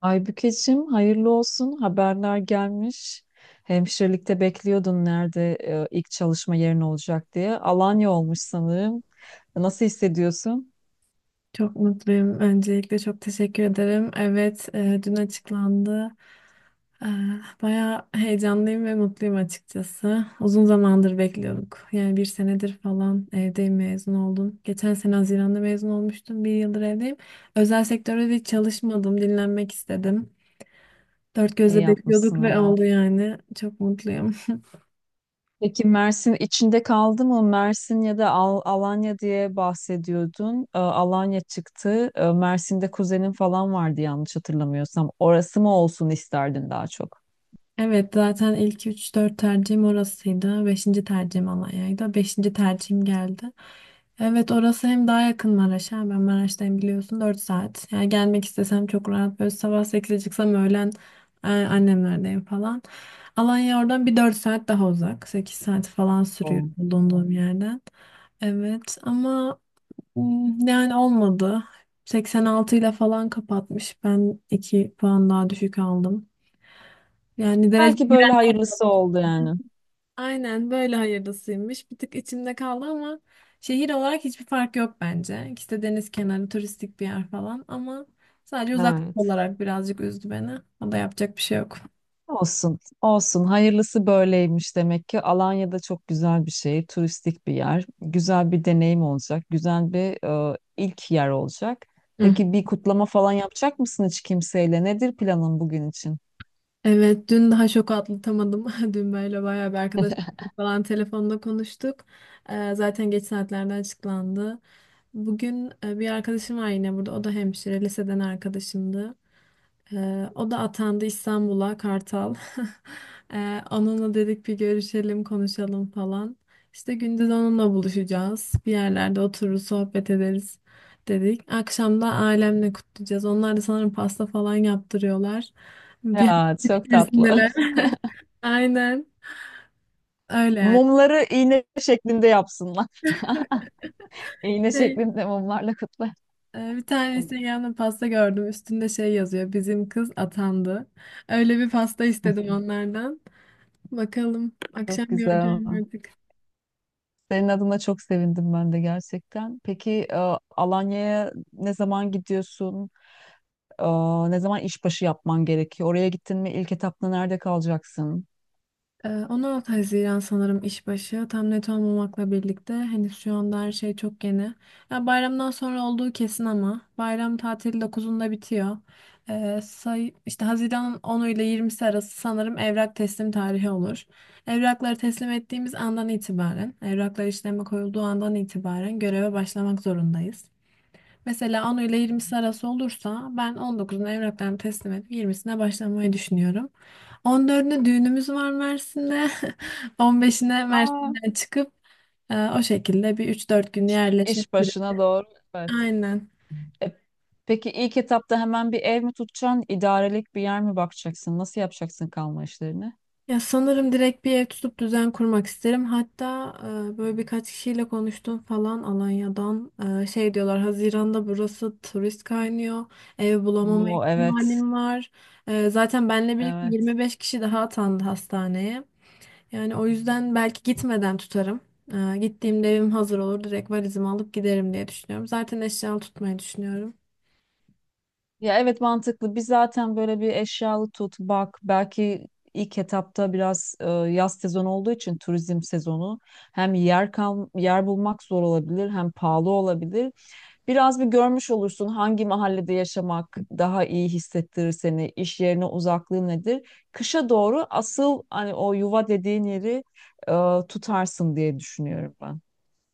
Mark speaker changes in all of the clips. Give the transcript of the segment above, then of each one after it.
Speaker 1: Aybükeciğim hayırlı olsun, haberler gelmiş. Hemşirelikte bekliyordun nerede ilk çalışma yerin olacak diye. Alanya olmuş sanırım. Nasıl hissediyorsun?
Speaker 2: Çok mutluyum. Öncelikle çok teşekkür ederim. Evet, dün açıklandı. E, Bayağı heyecanlıyım ve mutluyum açıkçası. Uzun zamandır bekliyorduk. Yani bir senedir falan evdeyim, mezun oldum. Geçen sene Haziran'da mezun olmuştum. Bir yıldır evdeyim. Özel sektörde de hiç çalışmadım. Dinlenmek istedim. Dört
Speaker 1: İyi
Speaker 2: gözle bekliyorduk
Speaker 1: yapmışsın,
Speaker 2: ve
Speaker 1: evet.
Speaker 2: oldu yani. Çok mutluyum.
Speaker 1: Peki Mersin içinde kaldı mı? Mersin ya da Alanya diye bahsediyordun. Alanya çıktı. Mersin'de kuzenin falan vardı yanlış hatırlamıyorsam. Orası mı olsun isterdin daha çok?
Speaker 2: Evet, zaten ilk üç, dört tercihim orasıydı. Beşinci tercihim Alanya'ydı. Beşinci tercihim geldi. Evet, orası hem daha yakın Maraş'a. Ben Maraş'tayım, biliyorsun, 4 saat. Yani gelmek istesem çok rahat. Böyle sabah 8'e çıksam öğlen annemlerdeyim falan. Alanya oradan bir 4 saat daha uzak. 8 saat falan sürüyor
Speaker 1: O- o.
Speaker 2: bulunduğum yerden. Evet ama yani olmadı. 86 ile falan kapatmış. Ben 2 puan daha düşük aldım. Yani derece...
Speaker 1: Belki böyle hayırlısı oldu yani.
Speaker 2: Aynen, böyle hayırlısıymış. Bir tık içimde kaldı ama şehir olarak hiçbir fark yok bence. İkisi de deniz kenarı, turistik bir yer falan ama sadece uzaklık
Speaker 1: Evet.
Speaker 2: olarak birazcık üzdü beni. O da, yapacak bir şey yok.
Speaker 1: Olsun, olsun. Hayırlısı böyleymiş demek ki. Alanya'da çok güzel bir şey, turistik bir yer. Güzel bir deneyim olacak, güzel bir ilk yer olacak.
Speaker 2: Hı.
Speaker 1: Peki bir kutlama falan yapacak mısın hiç kimseyle? Nedir planın bugün için?
Speaker 2: Evet, dün daha şok atlatamadım. Dün böyle bayağı bir arkadaş falan telefonda konuştuk. Zaten geç saatlerde açıklandı. Bugün bir arkadaşım var yine burada. O da hemşire, liseden arkadaşımdı. O da atandı İstanbul'a, Kartal. Onunla dedik bir görüşelim, konuşalım falan. İşte gündüz onunla buluşacağız. Bir yerlerde otururuz, sohbet ederiz dedik. Akşam da ailemle kutlayacağız. Onlar da sanırım pasta falan yaptırıyorlar. Bir
Speaker 1: Ya
Speaker 2: hafta
Speaker 1: çok tatlı.
Speaker 2: içerisindeler. Aynen. Öyle yani.
Speaker 1: Mumları iğne şeklinde yapsınlar. İğne
Speaker 2: Şey,
Speaker 1: şeklinde mumlarla kutla.
Speaker 2: Bir tane Instagram'da pasta gördüm. Üstünde şey yazıyor: bizim kız atandı. Öyle bir pasta istedim onlardan. Bakalım, akşam
Speaker 1: Çok güzel.
Speaker 2: göreceğim artık.
Speaker 1: Senin adına çok sevindim ben de gerçekten. Peki Alanya'ya ne zaman gidiyorsun? Aa, ne zaman işbaşı yapman gerekiyor? Oraya gittin mi, ilk etapta nerede kalacaksın?
Speaker 2: 16 Haziran sanırım işbaşı. Tam net olmamakla birlikte henüz, şu anda her şey çok yeni. Ya bayramdan sonra olduğu kesin, ama bayram tatili 9'unda bitiyor. Say, işte Haziran'ın 10'u ile 20'si arası sanırım evrak teslim tarihi olur. Evrakları teslim ettiğimiz andan itibaren, evraklar işleme koyulduğu andan itibaren göreve başlamak zorundayız. Mesela 10 ile 20'si arası olursa ben 19'unu evraklarımı teslim edip 20'sine başlamayı düşünüyorum. 14'üne düğünümüz var Mersin'de. 15'ine
Speaker 1: Aa,
Speaker 2: Mersin'den çıkıp o şekilde bir 3-4 gün
Speaker 1: iş
Speaker 2: yerleşmek
Speaker 1: iş
Speaker 2: üzere.
Speaker 1: başına doğru. Evet.
Speaker 2: Aynen.
Speaker 1: E, peki ilk etapta hemen bir ev mi tutacaksın? İdarelik bir yer mi bakacaksın? Nasıl yapacaksın kalma işlerini?
Speaker 2: Ya sanırım direkt bir ev tutup düzen kurmak isterim. Hatta böyle birkaç kişiyle konuştum falan Alanya'dan. Şey diyorlar, Haziran'da burası turist kaynıyor. Ev bulamama
Speaker 1: Oo, evet.
Speaker 2: ihtimalim var. Zaten benle birlikte
Speaker 1: Evet.
Speaker 2: 25 kişi daha atandı hastaneye. Yani o yüzden belki gitmeden tutarım. Gittiğimde evim hazır olur. Direkt valizimi alıp giderim diye düşünüyorum. Zaten eşyalı tutmayı düşünüyorum.
Speaker 1: Ya evet, mantıklı. Biz zaten böyle bir eşyalı tut, bak. Belki ilk etapta biraz yaz sezonu olduğu için, turizm sezonu hem yer bulmak zor olabilir hem pahalı olabilir. Biraz bir görmüş olursun hangi mahallede yaşamak daha iyi hissettirir seni, iş yerine uzaklığı nedir. Kışa doğru asıl, hani o yuva dediğin yeri tutarsın diye düşünüyorum ben.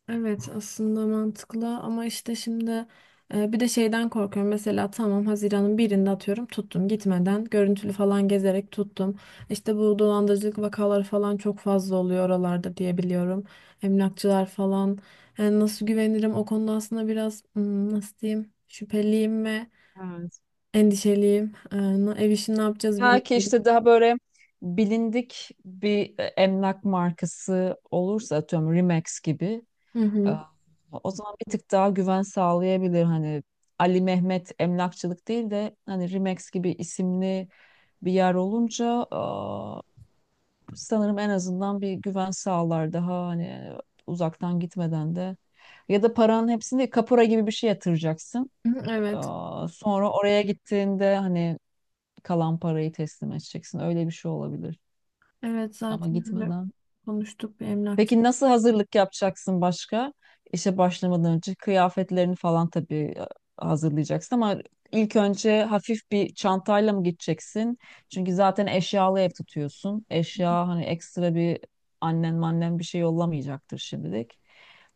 Speaker 2: Evet, aslında mantıklı ama işte şimdi bir de şeyden korkuyorum. Mesela tamam, Haziran'ın 1'inde atıyorum tuttum, gitmeden görüntülü falan gezerek tuttum. İşte bu dolandırıcılık vakaları falan çok fazla oluyor oralarda diye biliyorum. Emlakçılar falan. Yani nasıl güvenirim o konuda, aslında biraz nasıl diyeyim, şüpheliyim ve
Speaker 1: Evet.
Speaker 2: endişeliyim. Ev işini ne yapacağız
Speaker 1: Belki
Speaker 2: bilmiyorum.
Speaker 1: işte daha böyle bilindik bir emlak markası olursa, atıyorum Remax gibi,
Speaker 2: Hı
Speaker 1: e,
Speaker 2: hı.
Speaker 1: o zaman bir tık daha güven sağlayabilir. Hani Ali Mehmet emlakçılık değil de hani Remax gibi isimli bir yer olunca sanırım en azından bir güven sağlar daha, hani uzaktan gitmeden de. Ya da paranın hepsini kapora gibi bir şey yatıracaksın.
Speaker 2: Hı hı. Evet.
Speaker 1: Aa, sonra oraya gittiğinde hani kalan parayı teslim edeceksin. Öyle bir şey olabilir.
Speaker 2: Evet,
Speaker 1: Ama
Speaker 2: zaten öyle
Speaker 1: gitmeden.
Speaker 2: konuştuk bir emlakçı.
Speaker 1: Peki nasıl hazırlık yapacaksın başka? İşe başlamadan önce kıyafetlerini falan tabii hazırlayacaksın ama ilk önce hafif bir çantayla mı gideceksin? Çünkü zaten eşyalı ev tutuyorsun. Eşya hani ekstra bir, annen mannen bir şey yollamayacaktır şimdilik.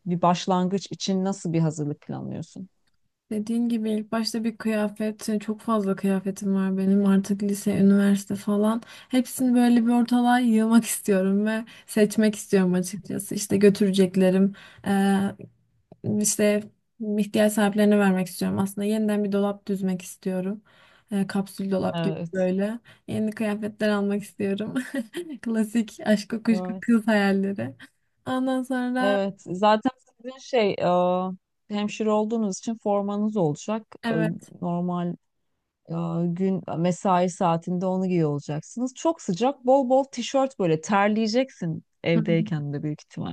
Speaker 1: Bir başlangıç için nasıl bir hazırlık planlıyorsun?
Speaker 2: Dediğin gibi ilk başta bir kıyafet, hani çok fazla kıyafetim var benim artık, lise, üniversite falan. Hepsini böyle bir ortalığa yığmak istiyorum ve seçmek istiyorum açıkçası. İşte götüreceklerim, eee, işte ihtiyaç sahiplerine vermek istiyorum. Aslında yeniden bir dolap düzmek istiyorum. Kapsül dolap gibi
Speaker 1: Evet.
Speaker 2: böyle. Yeni kıyafetler almak istiyorum. Klasik aşk kuşku
Speaker 1: Evet.
Speaker 2: kız hayalleri. Ondan sonra
Speaker 1: Evet. Zaten sizin şey, hemşire olduğunuz için formanız olacak.
Speaker 2: evet.
Speaker 1: Normal. Ya gün mesai saatinde onu giyiyor olacaksınız. Çok sıcak, bol bol tişört, böyle terleyeceksin
Speaker 2: Hı hı.
Speaker 1: evdeyken de büyük ihtimal.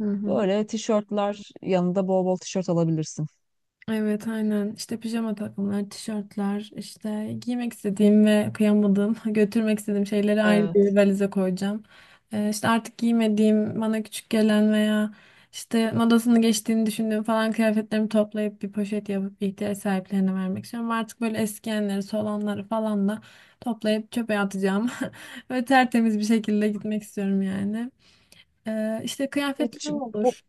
Speaker 2: Hı hı.
Speaker 1: Böyle tişörtler, yanında bol bol tişört alabilirsin.
Speaker 2: Evet, aynen. İşte pijama takımlar, tişörtler, işte giymek istediğim ve kıyamadığım, götürmek istediğim şeyleri ayrı bir
Speaker 1: Evet.
Speaker 2: valize koyacağım. İşte artık giymediğim, bana küçük gelen veya işte modasını geçtiğini düşündüğüm falan kıyafetlerimi toplayıp bir poşet yapıp ihtiyaç sahiplerine vermek istiyorum. Artık böyle eskiyenleri, solanları falan da toplayıp çöpe atacağım ve tertemiz bir şekilde gitmek istiyorum yani. İşte
Speaker 1: Hiç
Speaker 2: kıyafetlerim
Speaker 1: bu
Speaker 2: olur.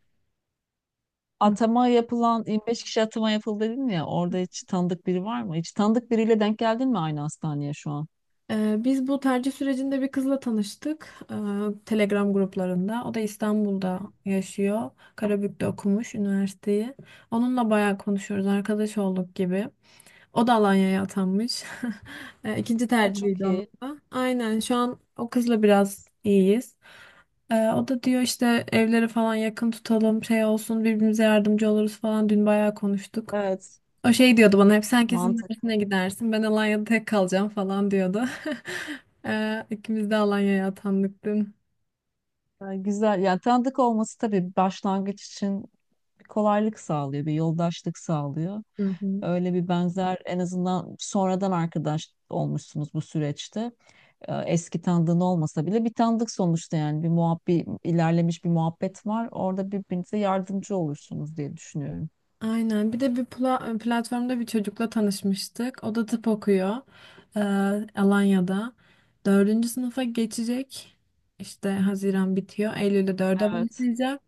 Speaker 1: atama yapılan 25 kişi atama yapıldı dedin ya, orada hiç tanıdık biri var mı? Hiç tanıdık biriyle denk geldin mi aynı hastaneye şu an?
Speaker 2: Biz bu tercih sürecinde bir kızla tanıştık. Telegram gruplarında. O da İstanbul'da yaşıyor. Karabük'te okumuş üniversiteyi. Onunla bayağı konuşuyoruz. Arkadaş olduk gibi. O da Alanya'ya atanmış. İkinci
Speaker 1: Ha, çok
Speaker 2: tercihiydi onun
Speaker 1: iyi.
Speaker 2: da. Aynen, şu an o kızla biraz iyiyiz. O da diyor, işte evleri falan yakın tutalım, şey olsun, birbirimize yardımcı oluruz falan. Dün bayağı konuştuk.
Speaker 1: Evet.
Speaker 2: O şey diyordu bana hep, sen kesin
Speaker 1: Mantıklı.
Speaker 2: Mersin'e gidersin, ben Alanya'da tek kalacağım falan diyordu. İkimiz de Alanya'ya atandık dün.
Speaker 1: Yani güzel. Yani tanıdık olması tabii başlangıç için bir kolaylık sağlıyor, bir yoldaşlık sağlıyor.
Speaker 2: Hı hı.
Speaker 1: Öyle bir benzer, en azından sonradan arkadaş olmuşsunuz bu süreçte. Eski tanıdığın olmasa bile bir tanıdık sonuçta yani, bir muhabbet ilerlemiş, bir muhabbet var. Orada birbirinize yardımcı olursunuz diye düşünüyorum.
Speaker 2: Aynen, bir de bir platformda bir çocukla tanışmıştık. O da tıp okuyor ee, Alanya'da. Dördüncü sınıfa geçecek. İşte Haziran bitiyor, Eylül'de dörde
Speaker 1: Evet.
Speaker 2: başlayacak.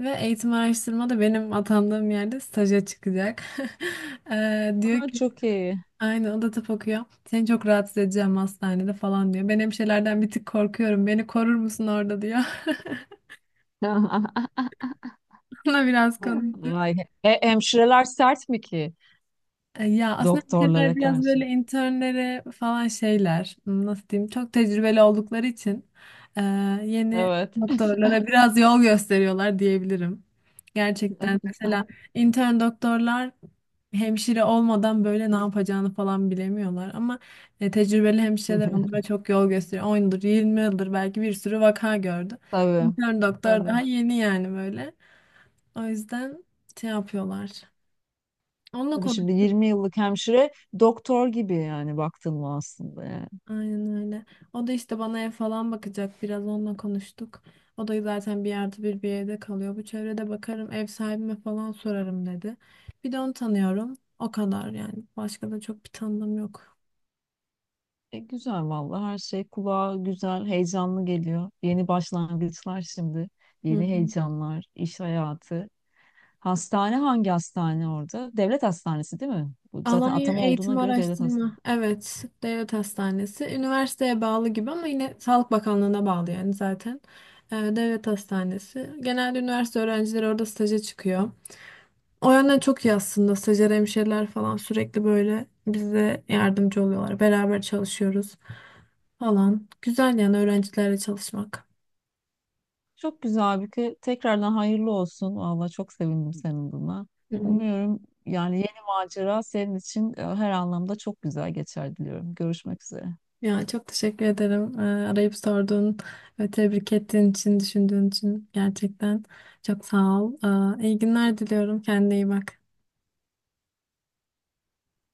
Speaker 2: Ve eğitim araştırma da benim atandığım yerde staja çıkacak. Diyor
Speaker 1: Aa,
Speaker 2: ki,
Speaker 1: çok iyi.
Speaker 2: aynen, o da tıp okuyor. Seni çok rahatsız edeceğim hastanede falan diyor. Ben hemşirelerden bir tık korkuyorum, beni korur musun orada diyor. Ona biraz konuştuk.
Speaker 1: Ay, hemşireler sert mi ki
Speaker 2: Ya aslında bu şeyler
Speaker 1: doktorlara
Speaker 2: biraz
Speaker 1: karşı?
Speaker 2: böyle internlere falan şeyler, nasıl diyeyim, çok tecrübeli oldukları için e, yeni
Speaker 1: Evet.
Speaker 2: doktorlara biraz yol gösteriyorlar diyebilirim. Gerçekten mesela intern doktorlar, hemşire olmadan böyle ne yapacağını falan bilemiyorlar, ama tecrübeli hemşireler onlara çok yol gösteriyor. 10 yıldır, 20 yıldır belki bir sürü vaka gördü.
Speaker 1: Tabii.
Speaker 2: İntern doktor
Speaker 1: Tabii.
Speaker 2: daha yeni, yani böyle. O yüzden şey yapıyorlar. Onunla
Speaker 1: Tabii,
Speaker 2: konuş.
Speaker 1: şimdi 20 yıllık hemşire doktor gibi yani, baktın mı aslında yani.
Speaker 2: Aynen öyle. O da işte bana ev falan bakacak. Biraz onunla konuştuk. O da zaten 1+1 bir evde kalıyor. Bu çevrede bakarım, ev sahibime falan sorarım dedi. Bir de onu tanıyorum. O kadar yani. Başka da çok bir tanıdığım yok.
Speaker 1: Güzel vallahi, her şey kulağa güzel, heyecanlı geliyor. Yeni başlangıçlar şimdi.
Speaker 2: Hı
Speaker 1: Yeni
Speaker 2: hı.
Speaker 1: heyecanlar, iş hayatı. Hastane hangi hastane orada? Devlet hastanesi değil mi? Bu zaten
Speaker 2: Alanya
Speaker 1: atama olduğuna
Speaker 2: Eğitim
Speaker 1: göre devlet
Speaker 2: Araştırma.
Speaker 1: hastanesi.
Speaker 2: Evet, Devlet Hastanesi. Üniversiteye bağlı gibi ama yine Sağlık Bakanlığı'na bağlı yani zaten. Devlet Hastanesi. Genelde üniversite öğrencileri orada staja çıkıyor. O yönden çok iyi aslında. Stajyer hemşireler falan sürekli böyle bize yardımcı oluyorlar. Beraber çalışıyoruz falan. Güzel yani, öğrencilerle çalışmak.
Speaker 1: Çok güzel Aybüke. Tekrardan hayırlı olsun. Valla çok sevindim senin buna.
Speaker 2: Hı hı.
Speaker 1: Umuyorum yani yeni macera senin için her anlamda çok güzel geçer diliyorum. Görüşmek üzere.
Speaker 2: Ya çok teşekkür ederim. Arayıp sorduğun ve tebrik ettiğin için, düşündüğün için gerçekten çok sağ ol. İyi günler diliyorum. Kendine iyi bak.